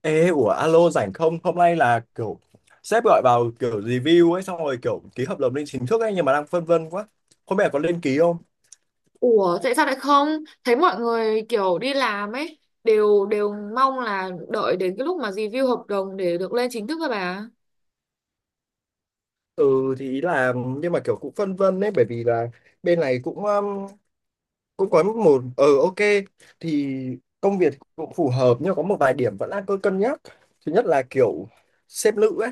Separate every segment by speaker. Speaker 1: Ê, ủa alo rảnh không? Hôm nay là kiểu sếp gọi vào kiểu review ấy xong rồi kiểu ký hợp đồng lên chính thức ấy, nhưng mà đang phân vân quá. Không biết là có lên ký không?
Speaker 2: Ủa tại sao lại không? Thấy mọi người kiểu đi làm ấy đều đều mong là đợi đến cái lúc mà review hợp đồng để được lên chính thức các bà.
Speaker 1: Ừ, thì ý là nhưng mà kiểu cũng phân vân đấy, bởi vì là bên này cũng cũng có một thì công việc cũng phù hợp, nhưng có một vài điểm vẫn đang cứ cân nhắc. Thứ nhất là kiểu sếp nữ ấy,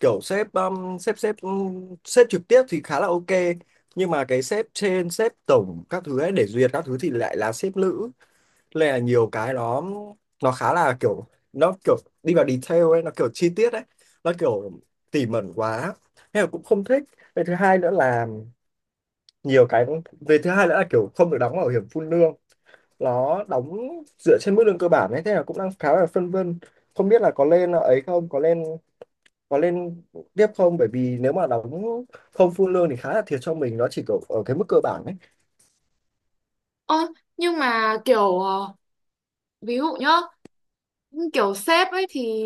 Speaker 1: kiểu sếp sếp sếp sếp trực tiếp thì khá là ok, nhưng mà cái sếp trên, sếp tổng các thứ ấy để duyệt các thứ thì lại là sếp nữ, nên là nhiều cái nó khá là kiểu, nó kiểu đi vào detail ấy, nó kiểu chi tiết ấy, nó kiểu tỉ mẩn quá, nên là cũng không thích. Về thứ hai nữa là nhiều cái, về thứ hai nữa là kiểu không được đóng bảo hiểm phun lương, nó đóng dựa trên mức lương cơ bản ấy, thế là cũng đang khá là phân vân không biết là có lên ấy không, có lên, có lên tiếp không, bởi vì nếu mà đóng không phun lương thì khá là thiệt cho mình, nó chỉ kiểu ở cái mức cơ bản ấy.
Speaker 2: Ơ nhưng mà kiểu ví dụ nhá, kiểu sếp ấy thì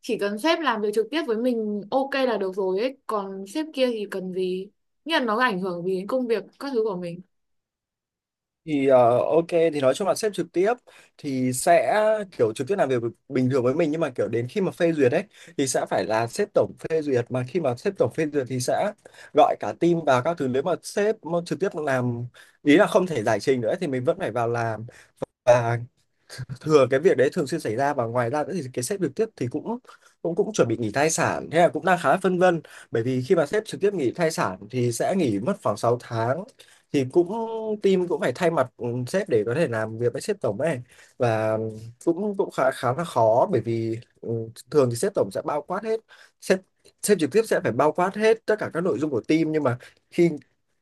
Speaker 2: chỉ cần sếp làm việc trực tiếp với mình ok là được rồi ấy, còn sếp kia thì cần gì? Nghĩa là nó ảnh hưởng gì đến công việc các thứ của mình.
Speaker 1: Thì ok, thì nói chung là sếp trực tiếp thì sẽ kiểu trực tiếp làm việc bình thường với mình, nhưng mà kiểu đến khi mà phê duyệt ấy thì sẽ phải là sếp tổng phê duyệt, mà khi mà sếp tổng phê duyệt thì sẽ gọi cả team vào các thứ, nếu mà sếp mà trực tiếp làm, ý là không thể giải trình nữa thì mình vẫn phải vào làm. Và thường cái việc đấy thường xuyên xảy ra, và ngoài ra nữa thì cái sếp trực tiếp thì cũng cũng cũng chuẩn bị nghỉ thai sản, thế là cũng đang khá là phân vân, bởi vì khi mà sếp trực tiếp nghỉ thai sản thì sẽ nghỉ mất khoảng 6 tháng, thì cũng team cũng phải thay mặt sếp để có thể làm việc với sếp tổng ấy. Và cũng cũng khá khá là khó, bởi vì thường thì sếp tổng sẽ bao quát hết, sếp, sếp trực tiếp sẽ phải bao quát hết tất cả các nội dung của team, nhưng mà khi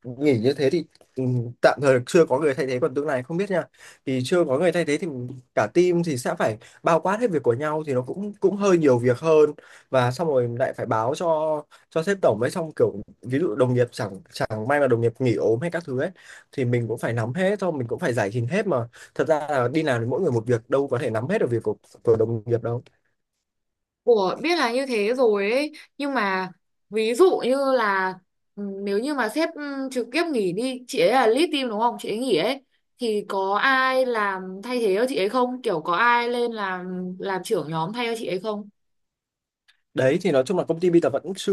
Speaker 1: nghỉ như thế thì ừ, tạm thời chưa có người thay thế, còn tương lai không biết nha, thì chưa có người thay thế thì cả team thì sẽ phải bao quát hết việc của nhau, thì nó cũng cũng hơi nhiều việc hơn. Và xong rồi lại phải báo cho sếp tổng ấy, xong kiểu ví dụ đồng nghiệp chẳng chẳng may mà đồng nghiệp nghỉ ốm hay các thứ ấy thì mình cũng phải nắm hết thôi, mình cũng phải giải trình hết, mà thật ra là đi làm thì mỗi người một việc, đâu có thể nắm hết được việc của đồng nghiệp đâu.
Speaker 2: Ủa, biết là như thế rồi ấy, nhưng mà ví dụ như là nếu như mà sếp trực tiếp nghỉ đi, chị ấy là lead team đúng không? Chị ấy nghỉ ấy thì có ai làm thay thế cho chị ấy không? Kiểu có ai lên làm trưởng nhóm thay cho chị ấy không?
Speaker 1: Đấy, thì nói chung là công ty bây giờ vẫn chưa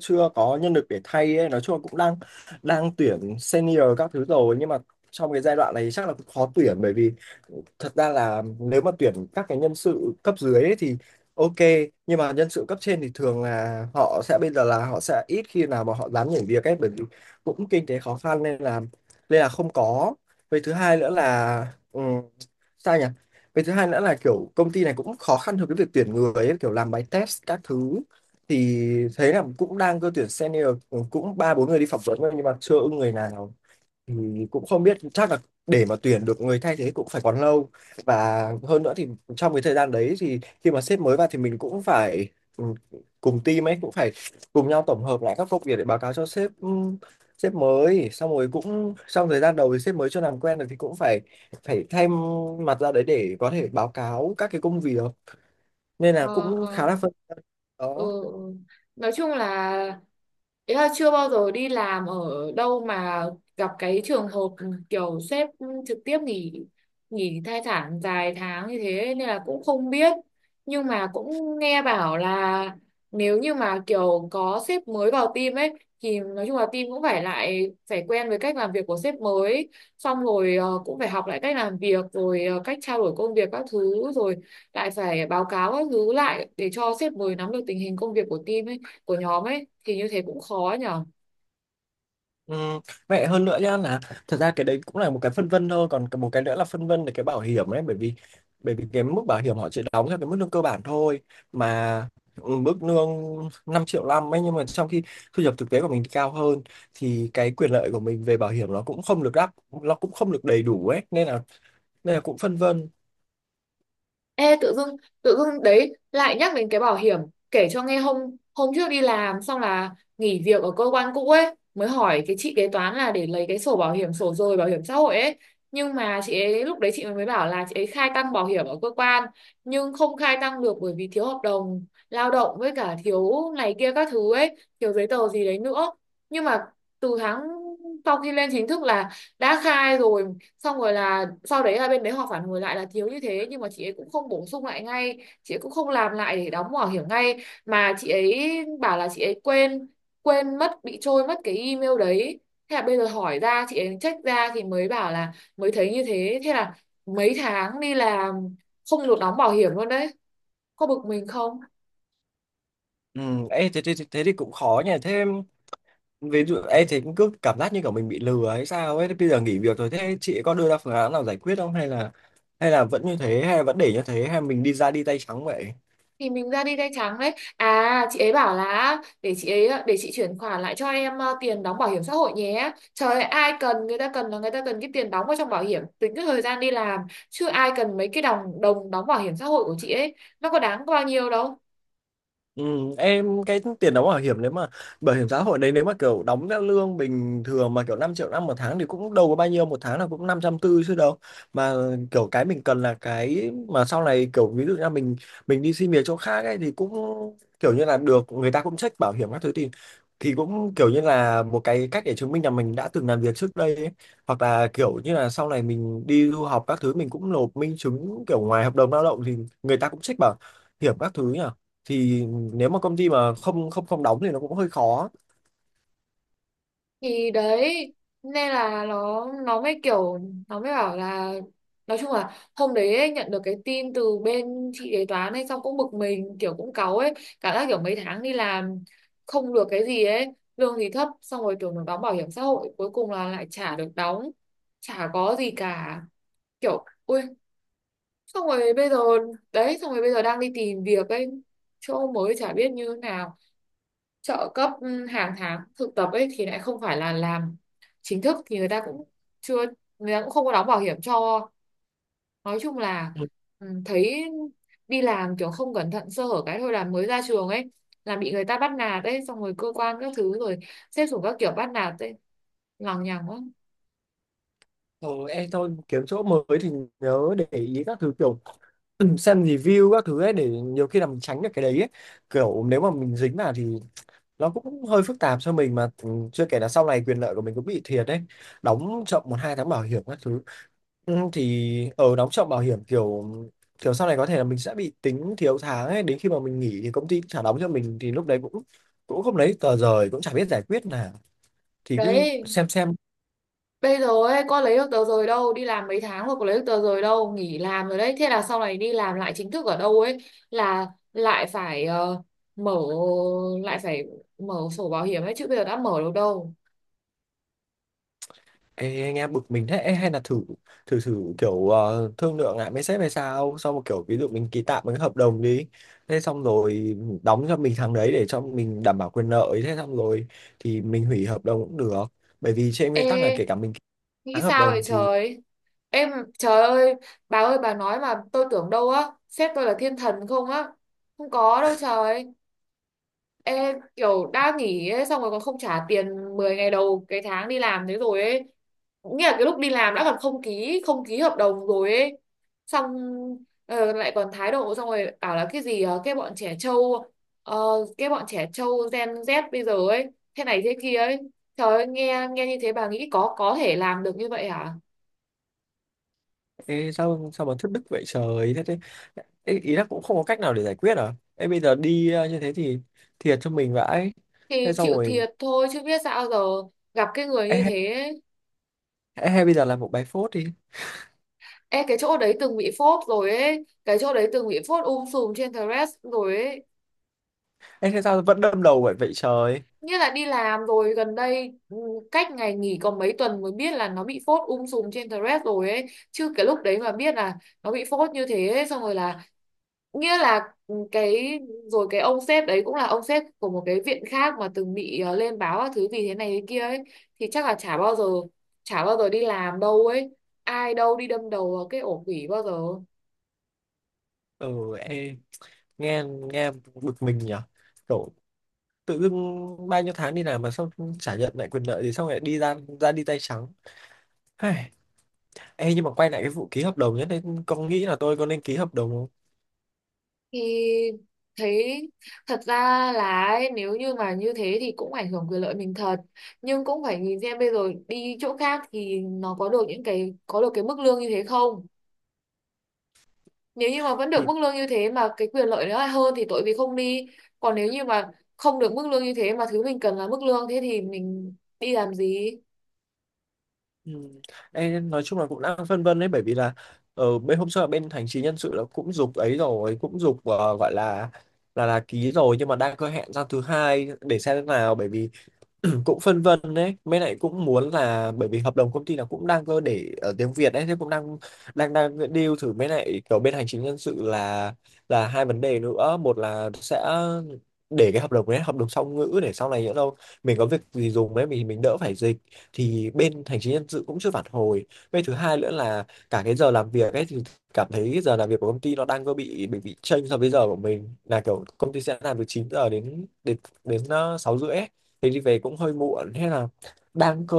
Speaker 1: chưa có nhân lực để thay ấy. Nói chung là cũng đang đang tuyển senior các thứ rồi, nhưng mà trong cái giai đoạn này chắc là cũng khó tuyển, bởi vì thật ra là nếu mà tuyển các cái nhân sự cấp dưới ấy thì ok, nhưng mà nhân sự cấp trên thì thường là họ sẽ, bây giờ là họ sẽ ít khi nào mà họ dám nhảy việc ấy, bởi vì cũng kinh tế khó khăn nên là, nên là không có. Với thứ hai nữa là ừ, sao nhỉ, cái thứ hai nữa là kiểu công ty này cũng khó khăn trong cái việc tuyển người ấy, kiểu làm bài test các thứ, thì thấy là cũng đang cơ tuyển senior, cũng 3 4 người đi phỏng vấn rồi nhưng mà chưa ưng người nào. Ừ, cũng không biết, chắc là để mà tuyển được người thay thế cũng phải còn lâu. Và hơn nữa thì trong cái thời gian đấy, thì khi mà sếp mới vào thì mình cũng phải ừ, cùng team ấy cũng phải cùng nhau tổng hợp lại các công việc để báo cáo cho sếp, sếp mới. Xong rồi cũng trong thời gian đầu thì sếp mới chưa làm quen được thì cũng phải phải thay mặt ra đấy để có thể báo cáo các cái công việc, nên là
Speaker 2: Ờ,
Speaker 1: cũng khá
Speaker 2: ờ.
Speaker 1: là phân. Đó.
Speaker 2: Ừ. Ừ. Nói chung là ý là chưa bao giờ đi làm ở đâu mà gặp cái trường hợp kiểu sếp trực tiếp nghỉ nghỉ thai sản dài tháng như thế nên là cũng không biết, nhưng mà cũng nghe bảo là nếu như mà kiểu có sếp mới vào team ấy thì nói chung là team cũng lại phải quen với cách làm việc của sếp mới, xong rồi cũng phải học lại cách làm việc rồi cách trao đổi công việc các thứ, rồi lại phải báo cáo các thứ lại để cho sếp mới nắm được tình hình công việc của team ấy, của nhóm ấy thì như thế cũng khó nhỉ.
Speaker 1: Ừ, vậy hơn nữa nhá là thật ra cái đấy cũng là một cái phân vân thôi, còn một cái nữa là phân vân về cái bảo hiểm đấy, bởi vì cái mức bảo hiểm họ chỉ đóng theo cái mức lương cơ bản thôi, mà mức lương 5.500.000 ấy, nhưng mà trong khi thu nhập thực tế của mình thì cao hơn, thì cái quyền lợi của mình về bảo hiểm nó cũng không được đáp, nó cũng không được đầy đủ ấy, nên là, nên là cũng phân vân.
Speaker 2: Ê tự dưng đấy lại nhắc đến cái bảo hiểm, kể cho nghe hôm hôm trước đi làm xong là nghỉ việc ở cơ quan cũ ấy, mới hỏi cái chị kế toán là để lấy cái sổ bảo hiểm sổ rồi bảo hiểm xã hội ấy, nhưng mà chị ấy lúc đấy chị mới bảo là chị ấy khai tăng bảo hiểm ở cơ quan nhưng không khai tăng được bởi vì thiếu hợp đồng lao động với cả thiếu này kia các thứ ấy, thiếu giấy tờ gì đấy nữa, nhưng mà từ tháng sau khi lên chính thức là đã khai rồi, xong rồi là sau đấy là bên đấy họ phản hồi lại là thiếu như thế nhưng mà chị ấy cũng không bổ sung lại ngay, chị ấy cũng không làm lại để đóng bảo hiểm ngay mà chị ấy bảo là chị ấy quên quên mất, bị trôi mất cái email đấy, thế là bây giờ hỏi ra chị ấy check ra thì mới bảo là mới thấy như thế. Thế là mấy tháng đi làm không được đóng bảo hiểm luôn đấy, có bực mình không?
Speaker 1: Ừ, ê, thế, thế, thế thì cũng khó nhỉ. Thế ví dụ em thấy cũng cứ cảm giác như kiểu mình bị lừa hay sao ấy, bây giờ nghỉ việc rồi thế chị có đưa ra phương án nào giải quyết không, hay là, hay là vẫn như thế, hay là vẫn để như thế, hay mình đi ra đi tay trắng vậy?
Speaker 2: Thì mình ra đi tay trắng đấy, à chị ấy bảo là để chị chuyển khoản lại cho em tiền đóng bảo hiểm xã hội nhé. Trời ơi, ai cần, người ta cần là người ta cần cái tiền đóng vào trong bảo hiểm tính cái thời gian đi làm chứ ai cần mấy cái đồng đồng đóng bảo hiểm xã hội của chị ấy, nó có đáng bao nhiêu đâu.
Speaker 1: Ừ, em cái tiền đóng bảo hiểm, nếu mà bảo hiểm xã hội đấy, nếu mà kiểu đóng theo lương bình thường mà kiểu 5.500.000 một tháng, thì cũng đâu có bao nhiêu, một tháng là cũng 540.000 chứ đâu. Mà kiểu cái mình cần là cái mà sau này kiểu ví dụ như là mình đi xin việc chỗ khác ấy, thì cũng kiểu như là được, người ta cũng check bảo hiểm các thứ, thì cũng kiểu như là một cái cách để chứng minh là mình đã từng làm việc trước đây ấy. Hoặc là kiểu như là sau này mình đi du học các thứ, mình cũng nộp minh chứng kiểu ngoài hợp đồng lao động, thì người ta cũng check bảo hiểm các thứ nhỉ. Thì nếu mà công ty mà không không không đóng thì nó cũng hơi khó.
Speaker 2: Thì đấy, nên là nó mới kiểu nó mới bảo là, nói chung là hôm đấy ấy, nhận được cái tin từ bên chị kế toán ấy xong cũng bực mình, kiểu cũng cáu ấy, cảm giác kiểu mấy tháng đi làm không được cái gì ấy, lương thì thấp xong rồi tưởng được đóng bảo hiểm xã hội cuối cùng là lại chả được đóng, chả có gì cả, kiểu ui, xong rồi bây giờ đấy, xong rồi bây giờ đang đi tìm việc ấy chỗ mới chả biết như thế nào, trợ cấp hàng tháng thực tập ấy thì lại không phải là làm chính thức thì chưa người ta cũng không có đóng bảo hiểm cho. Nói chung là
Speaker 1: Ừ.
Speaker 2: thấy đi làm kiểu không cẩn thận sơ hở cái thôi là mới ra trường ấy là bị người ta bắt nạt ấy, xong rồi cơ quan các thứ rồi xếp xuống các kiểu bắt nạt ấy, lằng nhằng quá.
Speaker 1: Ờ, em thôi kiếm chỗ mới thì nhớ để ý các thứ, kiểu xem review các thứ ấy, để nhiều khi là mình tránh được cái đấy ấy. Kiểu nếu mà mình dính vào thì nó cũng hơi phức tạp cho mình. Mà chưa kể là sau này quyền lợi của mình cũng bị thiệt đấy, đóng chậm 1 2 tháng bảo hiểm các thứ. Ừ, thì ở đóng chậm bảo hiểm, kiểu kiểu sau này có thể là mình sẽ bị tính thiếu tháng ấy, đến khi mà mình nghỉ thì công ty cũng trả đóng cho mình, thì lúc đấy cũng cũng không lấy tờ rời, cũng chả biết giải quyết nào, thì cứ
Speaker 2: Đấy,
Speaker 1: xem xem.
Speaker 2: bây giờ ấy, con lấy được tờ rời đâu, đi làm mấy tháng rồi có lấy được tờ rời đâu, nghỉ làm rồi đấy. Thế là sau này đi làm lại chính thức ở đâu ấy là lại phải ờ, mở lại phải mở sổ bảo hiểm ấy chứ bây giờ đã mở được đâu.
Speaker 1: Ê, anh em bực mình thế. Ê, hay là thử, thử kiểu thương lượng lại với sếp hay sao, xong một kiểu ví dụ mình ký tạm một cái hợp đồng đi, thế xong rồi đóng cho mình tháng đấy để cho mình đảm bảo quyền lợi, thế xong rồi thì mình hủy hợp đồng cũng được, bởi vì trên
Speaker 2: Ê,
Speaker 1: nguyên tắc là kể cả mình ký
Speaker 2: nghĩ
Speaker 1: tháng hợp
Speaker 2: sao vậy
Speaker 1: đồng thì...
Speaker 2: trời? Em Trời ơi bà nói mà tôi tưởng đâu á, sếp tôi là thiên thần không á. Không có đâu trời. Ê, kiểu đã nghỉ ấy, xong rồi còn không trả tiền 10 ngày đầu cái tháng đi làm thế rồi ấy. Nghĩa là cái lúc đi làm đã còn không ký hợp đồng rồi ấy. Xong lại còn thái độ, xong rồi bảo là cái gì ờ, cái bọn trẻ trâu Gen Z bây giờ ấy, thế này thế kia ấy. Trời ơi, nghe nghe như thế bà nghĩ có thể làm được như vậy hả?
Speaker 1: Ê, sao sao mà thất đức vậy trời. Thế, thế, ê, ý là cũng không có cách nào để giải quyết à? Ê, bây giờ đi như thế thì thiệt cho mình vãi.
Speaker 2: Thì
Speaker 1: Thế xong
Speaker 2: chịu
Speaker 1: rồi
Speaker 2: thiệt thôi chứ biết sao giờ, gặp cái người
Speaker 1: ê,
Speaker 2: như
Speaker 1: hay
Speaker 2: thế.
Speaker 1: hay bây giờ làm một bài phốt đi.
Speaker 2: Ê, cái chỗ đấy từng bị phốt rồi ấy, cái chỗ đấy từng bị phốt sùm trên Threads rồi ấy,
Speaker 1: Ê, thế sao vẫn đâm đầu vậy vậy trời?
Speaker 2: nghĩa là đi làm rồi gần đây cách ngày nghỉ còn mấy tuần mới biết là nó bị phốt sùm trên Threads rồi ấy, chứ cái lúc đấy mà biết là nó bị phốt như thế ấy, xong rồi là nghĩa là rồi cái ông sếp đấy cũng là ông sếp của một cái viện khác mà từng bị lên báo các thứ vì thế này thế kia ấy, thì chắc là chả bao giờ đi làm đâu ấy, ai đâu đi đâm đầu vào cái ổ quỷ bao giờ.
Speaker 1: Ừ, ê, nghe, nghe bực mình nhỉ. Kiểu tự dưng bao nhiêu tháng đi làm mà sao chả nhận lại quyền lợi, thì xong lại đi ra, ra đi tay trắng. Hây, ê, nhưng mà quay lại cái vụ ký hợp đồng nhất đấy, con nghĩ là tôi có nên ký hợp đồng không?
Speaker 2: Thì thấy thật ra là ấy, nếu như mà như thế thì cũng ảnh hưởng quyền lợi mình thật, nhưng cũng phải nhìn xem bây giờ đi chỗ khác thì nó có được những cái có được cái mức lương như thế không, nếu như mà vẫn được
Speaker 1: Thì
Speaker 2: mức lương như thế mà cái quyền lợi nó lại hơn thì tội gì không đi, còn nếu như mà không được mức lương như thế mà thứ mình cần là mức lương thế thì mình đi làm gì.
Speaker 1: ừ, ê, nói chung là cũng đang phân vân đấy, bởi vì là ở bên hôm sau là bên hành chính nhân sự là cũng giục ấy rồi, cũng giục gọi là là ký rồi, nhưng mà đang có hẹn ra thứ hai để xem thế nào, bởi vì cũng phân vân đấy, mấy lại cũng muốn là, bởi vì hợp đồng công ty là cũng đang cơ để ở tiếng Việt đấy, thế cũng đang đang đang deal thử. Mấy lại kiểu bên hành chính nhân sự là hai vấn đề nữa, một là sẽ để cái hợp đồng đấy hợp đồng song ngữ, để sau này nhỡ đâu mình có việc gì dùng ấy, mình đỡ phải dịch, thì bên hành chính nhân sự cũng chưa phản hồi. Với thứ hai nữa là cả cái giờ làm việc ấy, thì cảm thấy cái giờ làm việc của công ty nó đang có bị bị chênh so với giờ của mình, là kiểu công ty sẽ làm từ 9 giờ đến đến đến 6h30, thì đi về cũng hơi muộn, thế là đang cơ,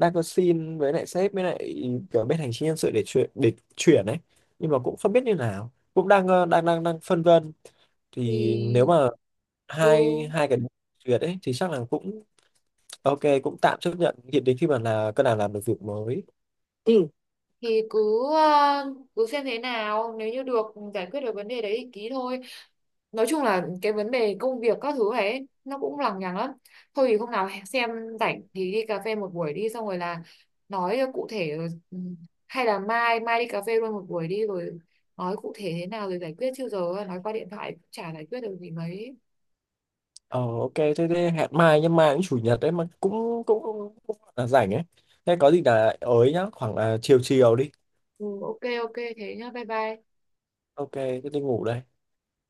Speaker 1: xin với lại sếp, với lại kiểu bên hành chính nhân sự để chuyển, ấy, nhưng mà cũng không biết như nào, cũng đang đang phân vân. Thì nếu
Speaker 2: Thì
Speaker 1: mà
Speaker 2: ừ
Speaker 1: hai hai cái duyệt ấy thì chắc là cũng ok, cũng tạm chấp nhận hiện đến khi mà là cơ nào làm được việc mới. Ừ.
Speaker 2: cứ xem thế nào, nếu như được giải quyết được vấn đề đấy thì ký thôi. Nói chung là cái vấn đề công việc các thứ ấy nó cũng lằng nhằng lắm, thôi thì hôm nào xem rảnh thì đi cà phê một buổi đi, xong rồi là nói cho cụ thể. ừ, hay là mai mai đi cà phê luôn một buổi đi rồi nói cụ thể thế nào rồi giải quyết, chứ giờ nói qua điện thoại cũng chả giải quyết được gì mấy.
Speaker 1: Ờ, ok, thế, thế hẹn mai, nhưng mai cũng chủ nhật đấy mà, cũng cũng là rảnh ấy, thế có gì là ới nhá, khoảng là chiều chiều đi.
Speaker 2: Ừ, ok ok thế nhá, bye bye.
Speaker 1: Ok, thế đi ngủ đây.